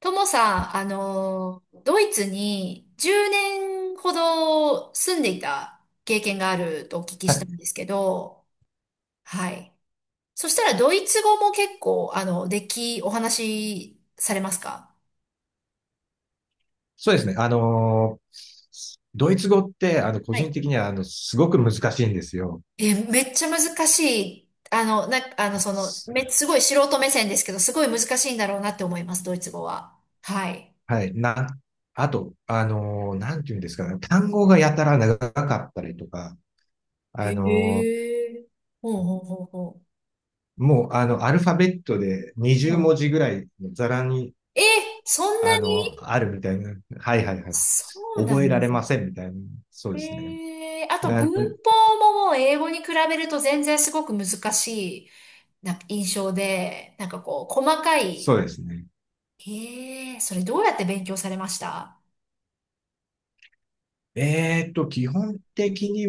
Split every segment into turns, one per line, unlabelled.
ともさん、ドイツに10年ほど住んでいた経験があるとお聞きしたんですけど、はい。そしたらドイツ語も結構、お話しされますか？
そうですね。ドイツ語って、個
は
人
い。
的には、すごく難しいんですよ。
え、めっちゃ難しい。あの、な、あの、その、
す
め、すごい素人目線ですけど、すごい難しいんだろうなって思います、ドイツ語は。はい。
はい。な、あと、なんていうんですかね。単語がやたら長かったりとか、
へ
あのー
え。ほうほうほうほ
もう、アルファベットで
う。う
20文
ん。
字ぐらいのざらに、
え、そんなに。
あるみたいな。はいはいはい。
そうな
覚え
ん
ら
で
れ
すね。
ませんみたいな。そうですね。
ええ、あと
な
文
ん、
法ももう英語に比べると全然すごく難しいなんか印象で、なんかこう、細かい、
そう
な、
ですね。
え、それどうやって勉強されました？
基本的に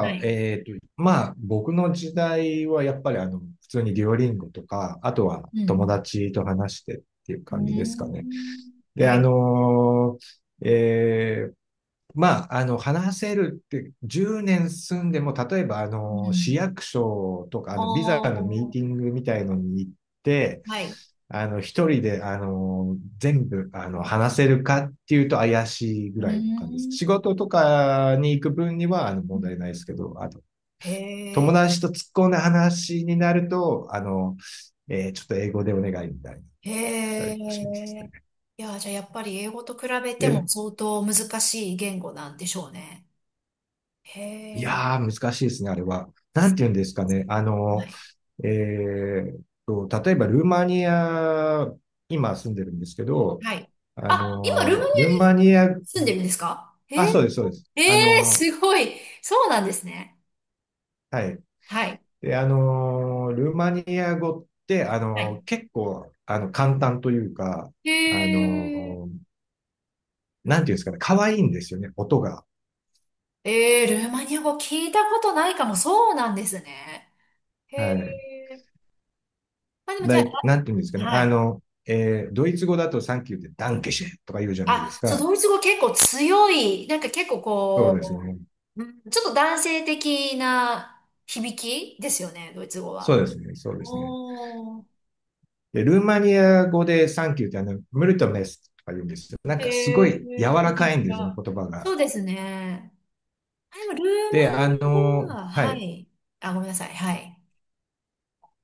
はい。
まあ、僕の時代はやっぱり普通にデュオリンゴとか、あとは
う
友
ん
達と話してっていう
うん。
感
う
じで
ー
すかね。
ん。
で、
はい。
ーえーまあ、話せるって、10年住んでも、例えば、
う
市
ん。
役所とか、ビザ
お
のミー
ー。
ティングみたいのに行って、
はい。
一人で、全部、話せるかっていうと怪しいぐ
う
らいの感じです。
ーん。
仕事とかに行く分には、
う
問
んう
題ないで
ん。
すけど、あと、
へ
友
え。
達と突っ込んだ話になると、ちょっと英語でお願いみたいになっ
へ
たりかします
え。
ね。
いや、じゃあやっぱり英語と比べても
で、
相当難しい言語なんでしょうね。へ
い
え。
やー、難しいですね、あれは。なんて言うんですかね。
はい
えーっ例えばルーマニア、今住んでるんですけど、
はい。あ、今、ルーマニア
ルーマ
に
ニア、
住んでるんですか？へ
あ、
え、
そうです、そうです。
ええ、すごい。そうなんですね。
はい。
はい。
で、ルーマニア語って、
はい。
結構、簡単というか、あ
へ
の、
え、
なんていうんですかね、可愛いんですよね、音が。
ええ、ルーマニア語聞いたことないかも。そうなんですね。へ
はい。
え。まあでもじゃあ、
でなんていうんですかね、
はい。
ドイツ語だとサンキューってダンケシェとか言うじゃないで
あ、
す
そう、
か。
ドイツ語結構強い。なんか結構
そうです
こ
ね。
う、うん、ちょっと男性的な響きですよね、ドイツ語
そ
は。
うですね。そうですね。
おー。
で、ルーマニア語でサンキューってムルトメスとか言うんですよ。なんかすご
へえ、
い柔
全
ら
然違
かいんですよね、
う。
言葉
そう
が。
ですね。あ、でもルーマ
で、
ニアは、
は
は
い。
い。あ、ごめんなさい。はい。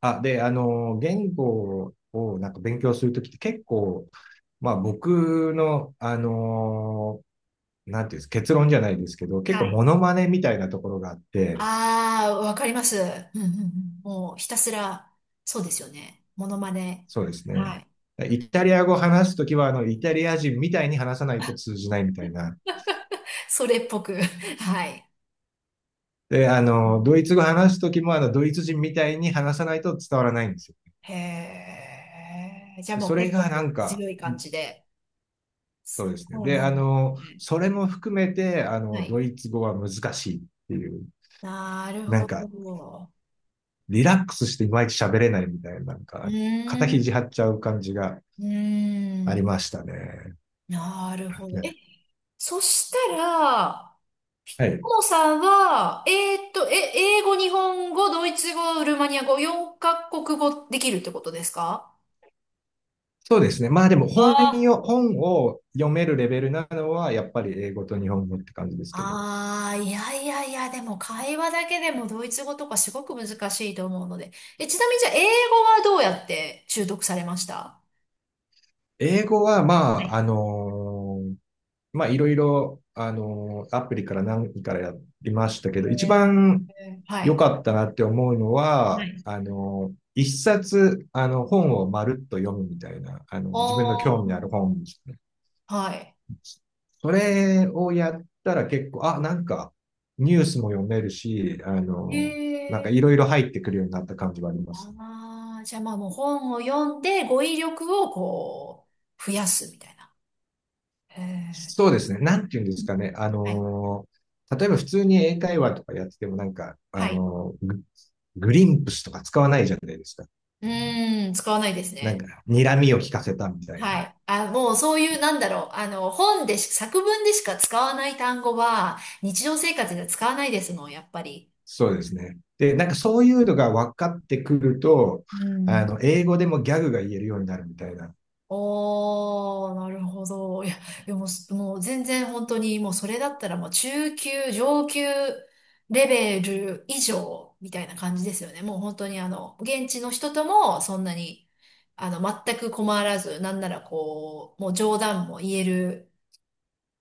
あ、で、言語をなんか勉強するときって結構、まあ僕の、なんていうんです、結論じゃないですけど、結構
は
モ
い。
ノマネみたいなところがあって、
ああ、わかります。うんうんうん。もうひたすら、そうですよね。モノマネ。
そうですね。
はい。
イタリア語話すときは、イタリア人みたいに話さないと通じないみたいな、
それっぽく。はい。
で、
う
ドイ
ん。
ツ語話すときも、ドイツ人みたいに話さないと伝わらないんですよ。
へえ。じゃあ
で
もう
それ
結構
がなん
こう
か、
強い感じで。
そう
そ
ですね。
こ
で、
なんですね。
それも含めて、
はい。
ドイツ語は難しいっていう、
なる
な
ほ
んか、
ど。
リラックスしていまいち喋れないみたいな、なん
う
か、
ー
肩肘張
ん。
っちゃう感じが
うー
あり
ん。
ましたね。
なるほど。え、
ね
そしたら、
はい。
ももさんは、英語、日本語、ドイツ語、ルーマニア語、4カ国語できるってことですか？
そうですね。まあでも
あ
本を読めるレベルなのは、やっぱり英語と日本語って感じですけど、
あ、あー、いやいやいや、でも会話だけでもドイツ語とかすごく難しいと思うので。え、ちなみにじゃあ、英語はどうやって習得されました？
英語は、ま
は
あ、
い。
まあ、いろいろ、アプリから何からやりましたけど、一
え
番
ー、は
良
い。
かったなって思うの
は
は、
い。
一冊、本をまるっと読むみたいな、自分の
お
興味ある
ー、
本。
はい。
それをやったら結構、あ、なんか、ニュースも読めるし、
へ
なんか
え。
いろいろ入ってくるようになった感じはありますね。
ああ、じゃあまあもう本を読んで語彙力をこう、増やすみたいな。へえ。
そうですね。なんていうんですかね。
はい
例えば普通に英会話とかやっててもなんか、
はい。
グリンプスとか使わないじゃないですか。
うーん、使わないです
なん
ね。
か、睨みを聞かせたみたい
は
な。
い。あ、もうそういう、なんだろう。本でし、作文でしか使わない単語は、日常生活では使わないですもん、やっぱり。
そうですね。で、なんかそういうのが分かってくると、
うん。
英語でもギャグが言えるようになるみたいな。
おー、なるほど。いや、でも、もう全然本当に、もうそれだったらもう中級、上級レベル以上みたいな感じですよね。もう本当に、現地の人ともそんなに、あの、全く困らず、なんならこう、もう冗談も言える。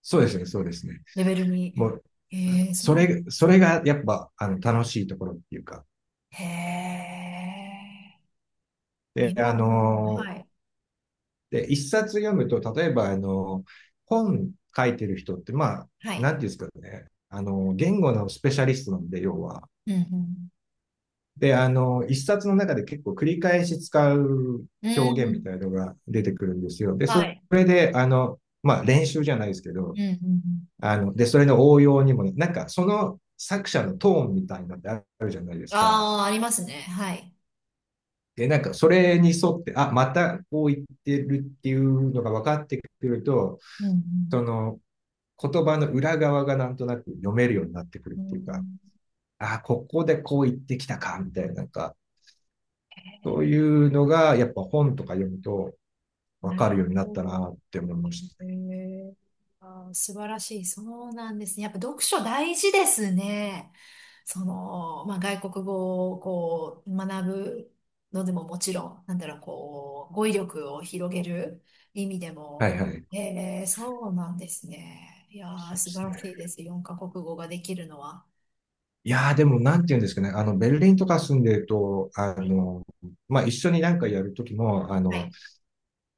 そうですね、そうですね。
レベルに。
もう、
ええ、そうなんで
そ
す
れ
ね。
がやっぱ、楽しいところっていうか。
へえ。
で、
今はもう、は
ー
い。
で、一冊読むと、例えば、本書いてる人って、まあ、
はい。
なんていうんですかね、言語のスペシャリストなんで、要は。
うん、
で、一冊の中で結構繰り返し使う
うん。
表
う
現みたいな
ん。
のが出てくるんですよ。で、
は
そ
い。
れで、まあ、練習じゃないですけ
う
ど、
ん、うん。うん。
で、それの応用にも、ね、なんか、その作者のトーンみたいなのってあるじゃないですか。
ああー、ありますね。はい。
で、なんか、それに沿って、あ、またこう言ってるっていうのが分かってくると、
う
そ
ん、
の、言葉の裏側がなんとなく読めるようになってくる
うん。
って
う
いうか、
ん。
ああ、ここでこう言ってきたか、みたいな、なんか、そういうのが、やっぱ本とか読むと分
な
か
る
るようになっ
ほ
た
ど。
なって思いまし
え
たね
ー、あー、素晴らしい。そうなんですね。やっぱ読書大事ですね。その、まあ、外国語をこう学ぶのでももちろん、なんだろう、こう、語彙力を広げる意味で
は
も。
いはい。
えー、そうなんですね。いや
そ
ー、
うで
素晴
す
ら
ね。
しいです。四カ国語ができるのは。
いやーでも、なんて言うんですかね。ベルリンとか住んでると、
はい。
まあ、一緒になんかやるときも、
はい。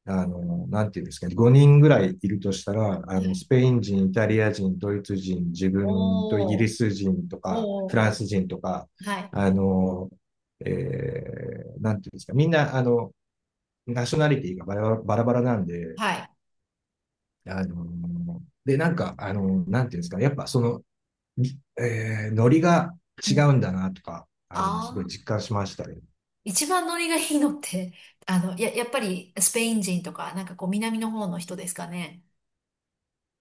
なんていうんですかね、5人ぐらいいるとしたら、
はい。
スペイン人、イタリア人、ドイツ人、自分とイギ
お
リ
ー、
ス人とか、フラ
お
ン
ー、
ス人とか、
はい。
あの、えなんていうんですか、みんな、ナショナリティがバラバラバラなんで、
はい。
で、なんか、なんていうんですかね、やっぱその、ノリが
う
違
ん。
うんだなとか、すごい
あ、
実感しましたね。
一番ノリがいいのって、やっぱりスペイン人とか、なんかこう南の方の人ですかね。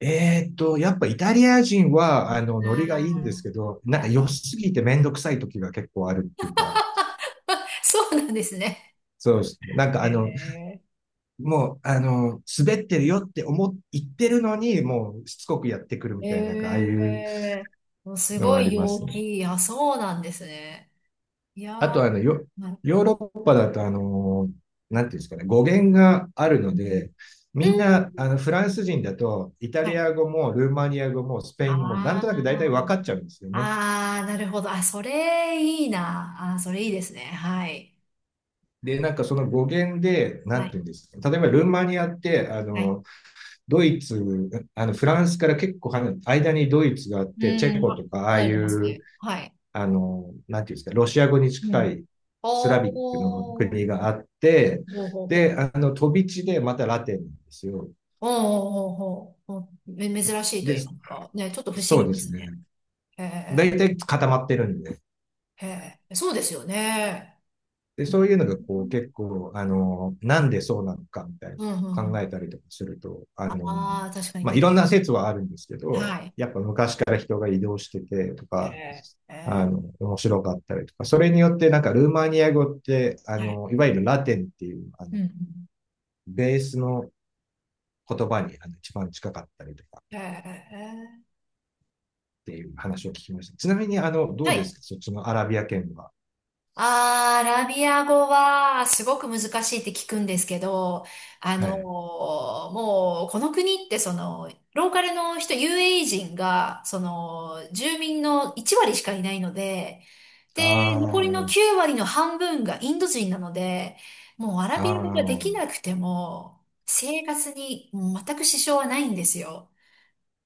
やっぱイタリア人は、ノリがいいんです
あ
けど、
あ
な
ー、
ん
は
か
い。
良すぎてめんどくさい時が結構あるっていうか、
そうなんですね。
そうですね。なんか
へ
あの、
え。
もう、滑ってるよって思っ、言ってるのに、もうしつこくやってくる
へ
みたいな、なんかああいう
え。もうす
のは
ご
あ
い
りま
陽
すね。
気。あ、そうなんですね。いや
あ
ー、
と、
なる、
ヨーロッパだと、なんていうんですかね、語源があるの
うん
で、みんな、
うん、
フランス人だと、イタ
は
リ
い。
ア語もルーマニア語もスペイン語も、なん
あ
となく大体分
あ、
かっちゃうんですよね。
ああ、なるほど。あ、それいいな。あー、それいいですね。はい。
で、なんかその語源で、な
は
んて
い。
いうんですか、例えばルーマニアって、あ
はい。
の、ドイツ、あの、フランスから結構離れ間にドイツがあっ
う
て、チェ
ん、
コと
は、
か、ああ
離れ
い
てます
う、
ね。はい。
なんていうんですか、ロシア語に
う
近
ん。
いスラビックの
おー。
国があって、
ほうほうほ
で、
う。
飛び地でまたラテンなんですよ。
おーおーおーおーおー、め、珍しいと
で、
言いますか。ね、ちょっと不思
そう
議
で
で
す
すね。
ね。
へ
大
え、
体固まってるんで。
へえ、そうですよね。
で、
う
そ
ん、
ういうのがこう結構、なんでそうなのかみたいな
うん、う
考え
ん。
たりとかすると、
ああ、確かに、
まあ、
確
い
か
ろん
に。
な説はあるんですけ
は
ど、
い。
やっぱ昔から人が移動しててと
へ
か、
え、へえ、
面白かったりとか、それによってなんかルーマニア語って、
はい。
いわゆるラテンっていう、
うん、うん。
ベースの言葉にあの一番近かったりとか
へ
っ
え、へえ。
ていう話を聞きました。ちなみに、ど
は
う
い。うんうん。へ、へえ。は
です
い。
かそっちのアラビア圏は。
あー、アラビア語はすごく難しいって聞くんですけど、あ
はい。
のー、もうこの国ってその、ローカルの人、UAE 人が、その、住民の1割しかいないので、
あ
で、残りの9割の半分がインド人なので、もうアラ
あ、
ビ
あ
ア語ができ
あ、
なくても、生活に全く支障はないんですよ。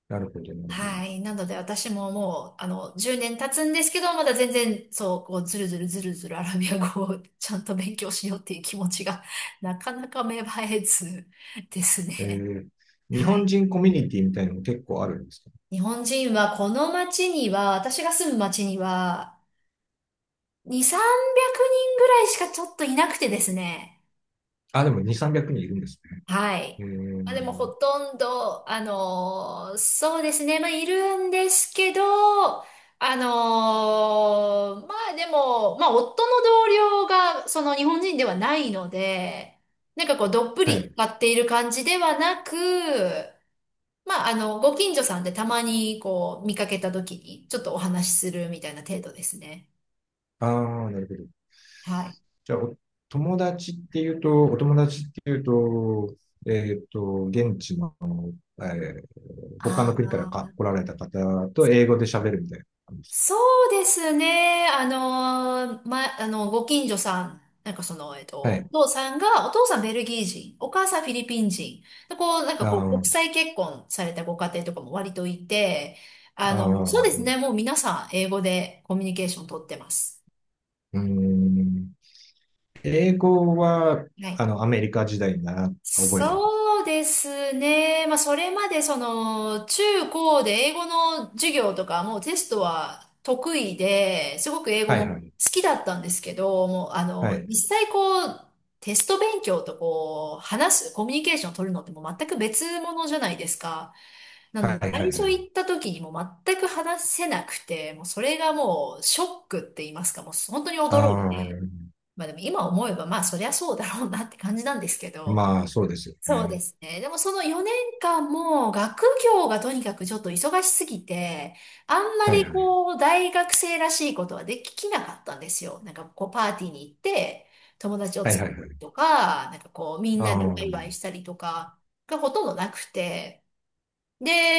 なるほど、なるほど。
はい。なので私ももう、10年経つんですけど、まだ全然、そう、こう、ずるずるずるずるアラビア語をちゃんと勉強しようっていう気持ちが、なかなか芽生えずです
え
ね。
ー、日
は
本
い。
人コミュニティみたいなのも結構あるんですか？
日本人はこの町には、私が住む町には、2、300人ぐらいしかちょっといなくてですね。
あ、でも2、300人いるんですね。
は
え
い。まあ、でもほ
ー、
とんど、あのー、そうですね。まあ、いるんですけど、あのー、まあでも、まあ、夫の同僚が、その日本人ではないので、なんかこう、どっぷ
は
り
い。
使っている感じではなく、まあ、ご近所さんでたまにこう、見かけた時に、ちょっとお話しするみたいな程度ですね。
ああ、なるほど。
はい。
じゃあ、お友達っていうと、えっと、現地の、えー他
あ
の国からか
あ。
来られた方と英語で喋るみたいな感じです
そうですね。あの、ま、あの、ご近所さん、なんかその、えっ
か？はい。
と、お父さんベルギー人、お母さんフィリピン人、でこう、なんか
あ
こう、国
ー
際結婚されたご家庭とかも割といて、
あ
そうです
ー、
ね。もう皆さん、英語でコミュニケーション取ってます。
うーん。英語は、
はい。
アメリカ時代に覚えたんで。
そうですね。まあ、それまでその、中高で英語の授業とか、もうテストは得意で、すごく英語
は
も
いは
好
い。
きだったんですけど、もう、
はい。
実際こう、テスト勉強とこう、話す、コミュニケーションを取るのってもう全く別物じゃないですか。なの
は
で、
いは
最
いは
初
い。
行った時にもう全く話せなくて、もうそれがもうショックって言いますか、もう本当に
あ
驚いて、
あ、
まあでも今思えば、まあそりゃそうだろうなって感じなんですけど、
まあ、そうですよ
そうで
ね。
すね。でもその4年間も学業がとにかくちょっと忙しすぎて、あんま
はい
り
はい。
こう大学生らしいことはできなかったんですよ。なんかこうパーティーに行って友達を
はい
作
はいは
る
い。
とか、なんかこうみん
あ
なでワ
あ、
イワイしたりとかがほとんどなくて、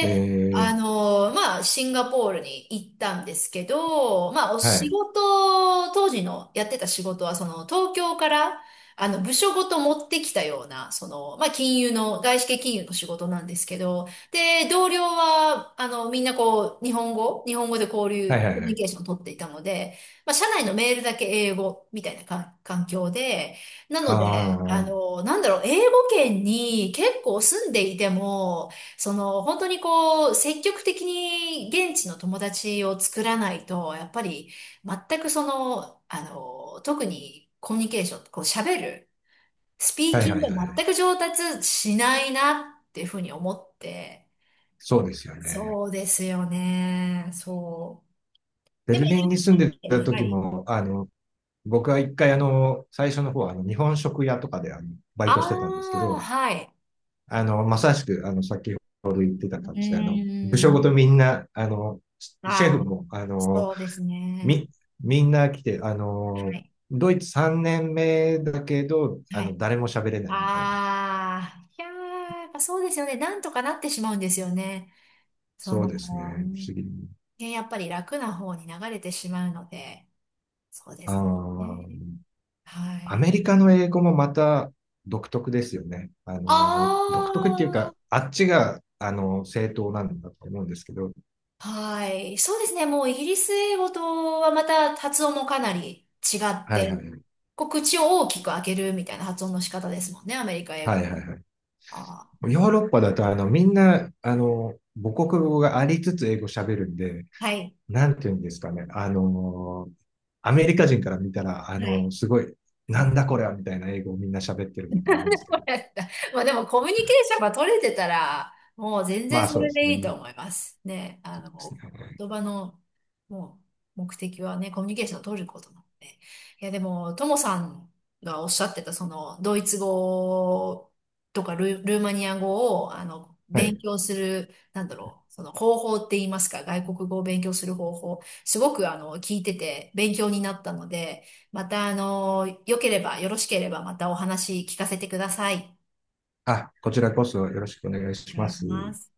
ええ、
まあ、シンガポールに行ったんですけど、まあ、お
は
仕
い。
事、当時のやってた仕事は、その、東京から、部署ごと持ってきたような、その、まあ、金融の、外資系金融の仕事なんですけど、で、同僚は、みんなこう、日本語、日本語で交
は
流、
いは
コ
い
ミュ
は
ニ
い。
ケーションを取っていたので、まあ、社内のメールだけ英語みたいなか環境で、な
あ
の
あ、
で、
は
なんだろう、英語圏に結構住んでいても、その、本当にこう、積極的に現地の友達を作らないと、やっぱり、全くその、あの、特にコミュニケーション、こう喋る、スピ
い
ー
はい
キン
はい
グ
はい。
が全く上達しないなっていうふうに思って、
そうですよね。
そうですよね、そう。
ベ
でも、
ルリン
有
に
名
住んで
に来て、
た
は
時
い。
も、僕は一回最初の方は日本食屋とかでバイ
あ
トしてたんですけ
あ、
ど、
はい。
まさしく先ほど言ってた
う
感じで、部
ー
署ごと
ん。
みんな、シェ
あ
フ
あ、
も、
そうですね。
み、みんな来て、
はい。
ドイツ3年目だけど、
はい。
誰も喋れないみたいな。
ああ、いやー、やっぱそうですよね。なんとかなってしまうんですよね。そ
そうですね。不
の、う
思
ん、
議。
ね、やっぱり楽な方に流れてしまうので、そうで
あ
す
ー
ね。は
ア
い。
メリカの英語もまた独特ですよね。独特っていう
あ
か、あっちが、正当なんだと思うんですけど。
あ、はい。そうですね。もうイギリス英語とはまた発音もかなり違っ
はい
て、
はいはい。
こう口を大きく開けるみたいな発音の仕方ですもんね。アメリカ英
はい
語。
はいはい。
あ
ヨーロッパだと、みんな、母国語がありつつ英語喋るんで、
あ、はい。
なんていうんですかね。アメリカ人から見たら、
はい。
すごい、なんだこれはみたいな英語をみんな喋ってるんだと思うんですけど。
やった。まあでもコミュニケーションが取れてたら、もう全
ま
然
あ
そ
そうで
れ
す
で
ね。
いいと
で
思います。ね、
すね
言葉の、もう、目的はね、コミュニケーションを取ることなので。いや、でも、ともさんがおっしゃってた、その、ドイツ語とか、ル、ルーマニア語を、
は
勉
い。
強する、なんだろう、その方法って言いますか、外国語を勉強する方法、すごく、聞いてて、勉強になったので、また、良ければ、よろしければ、またお話聞かせてください。
あ、こちらこそよろしくお願いし
お願
ま
いし
す。
ます。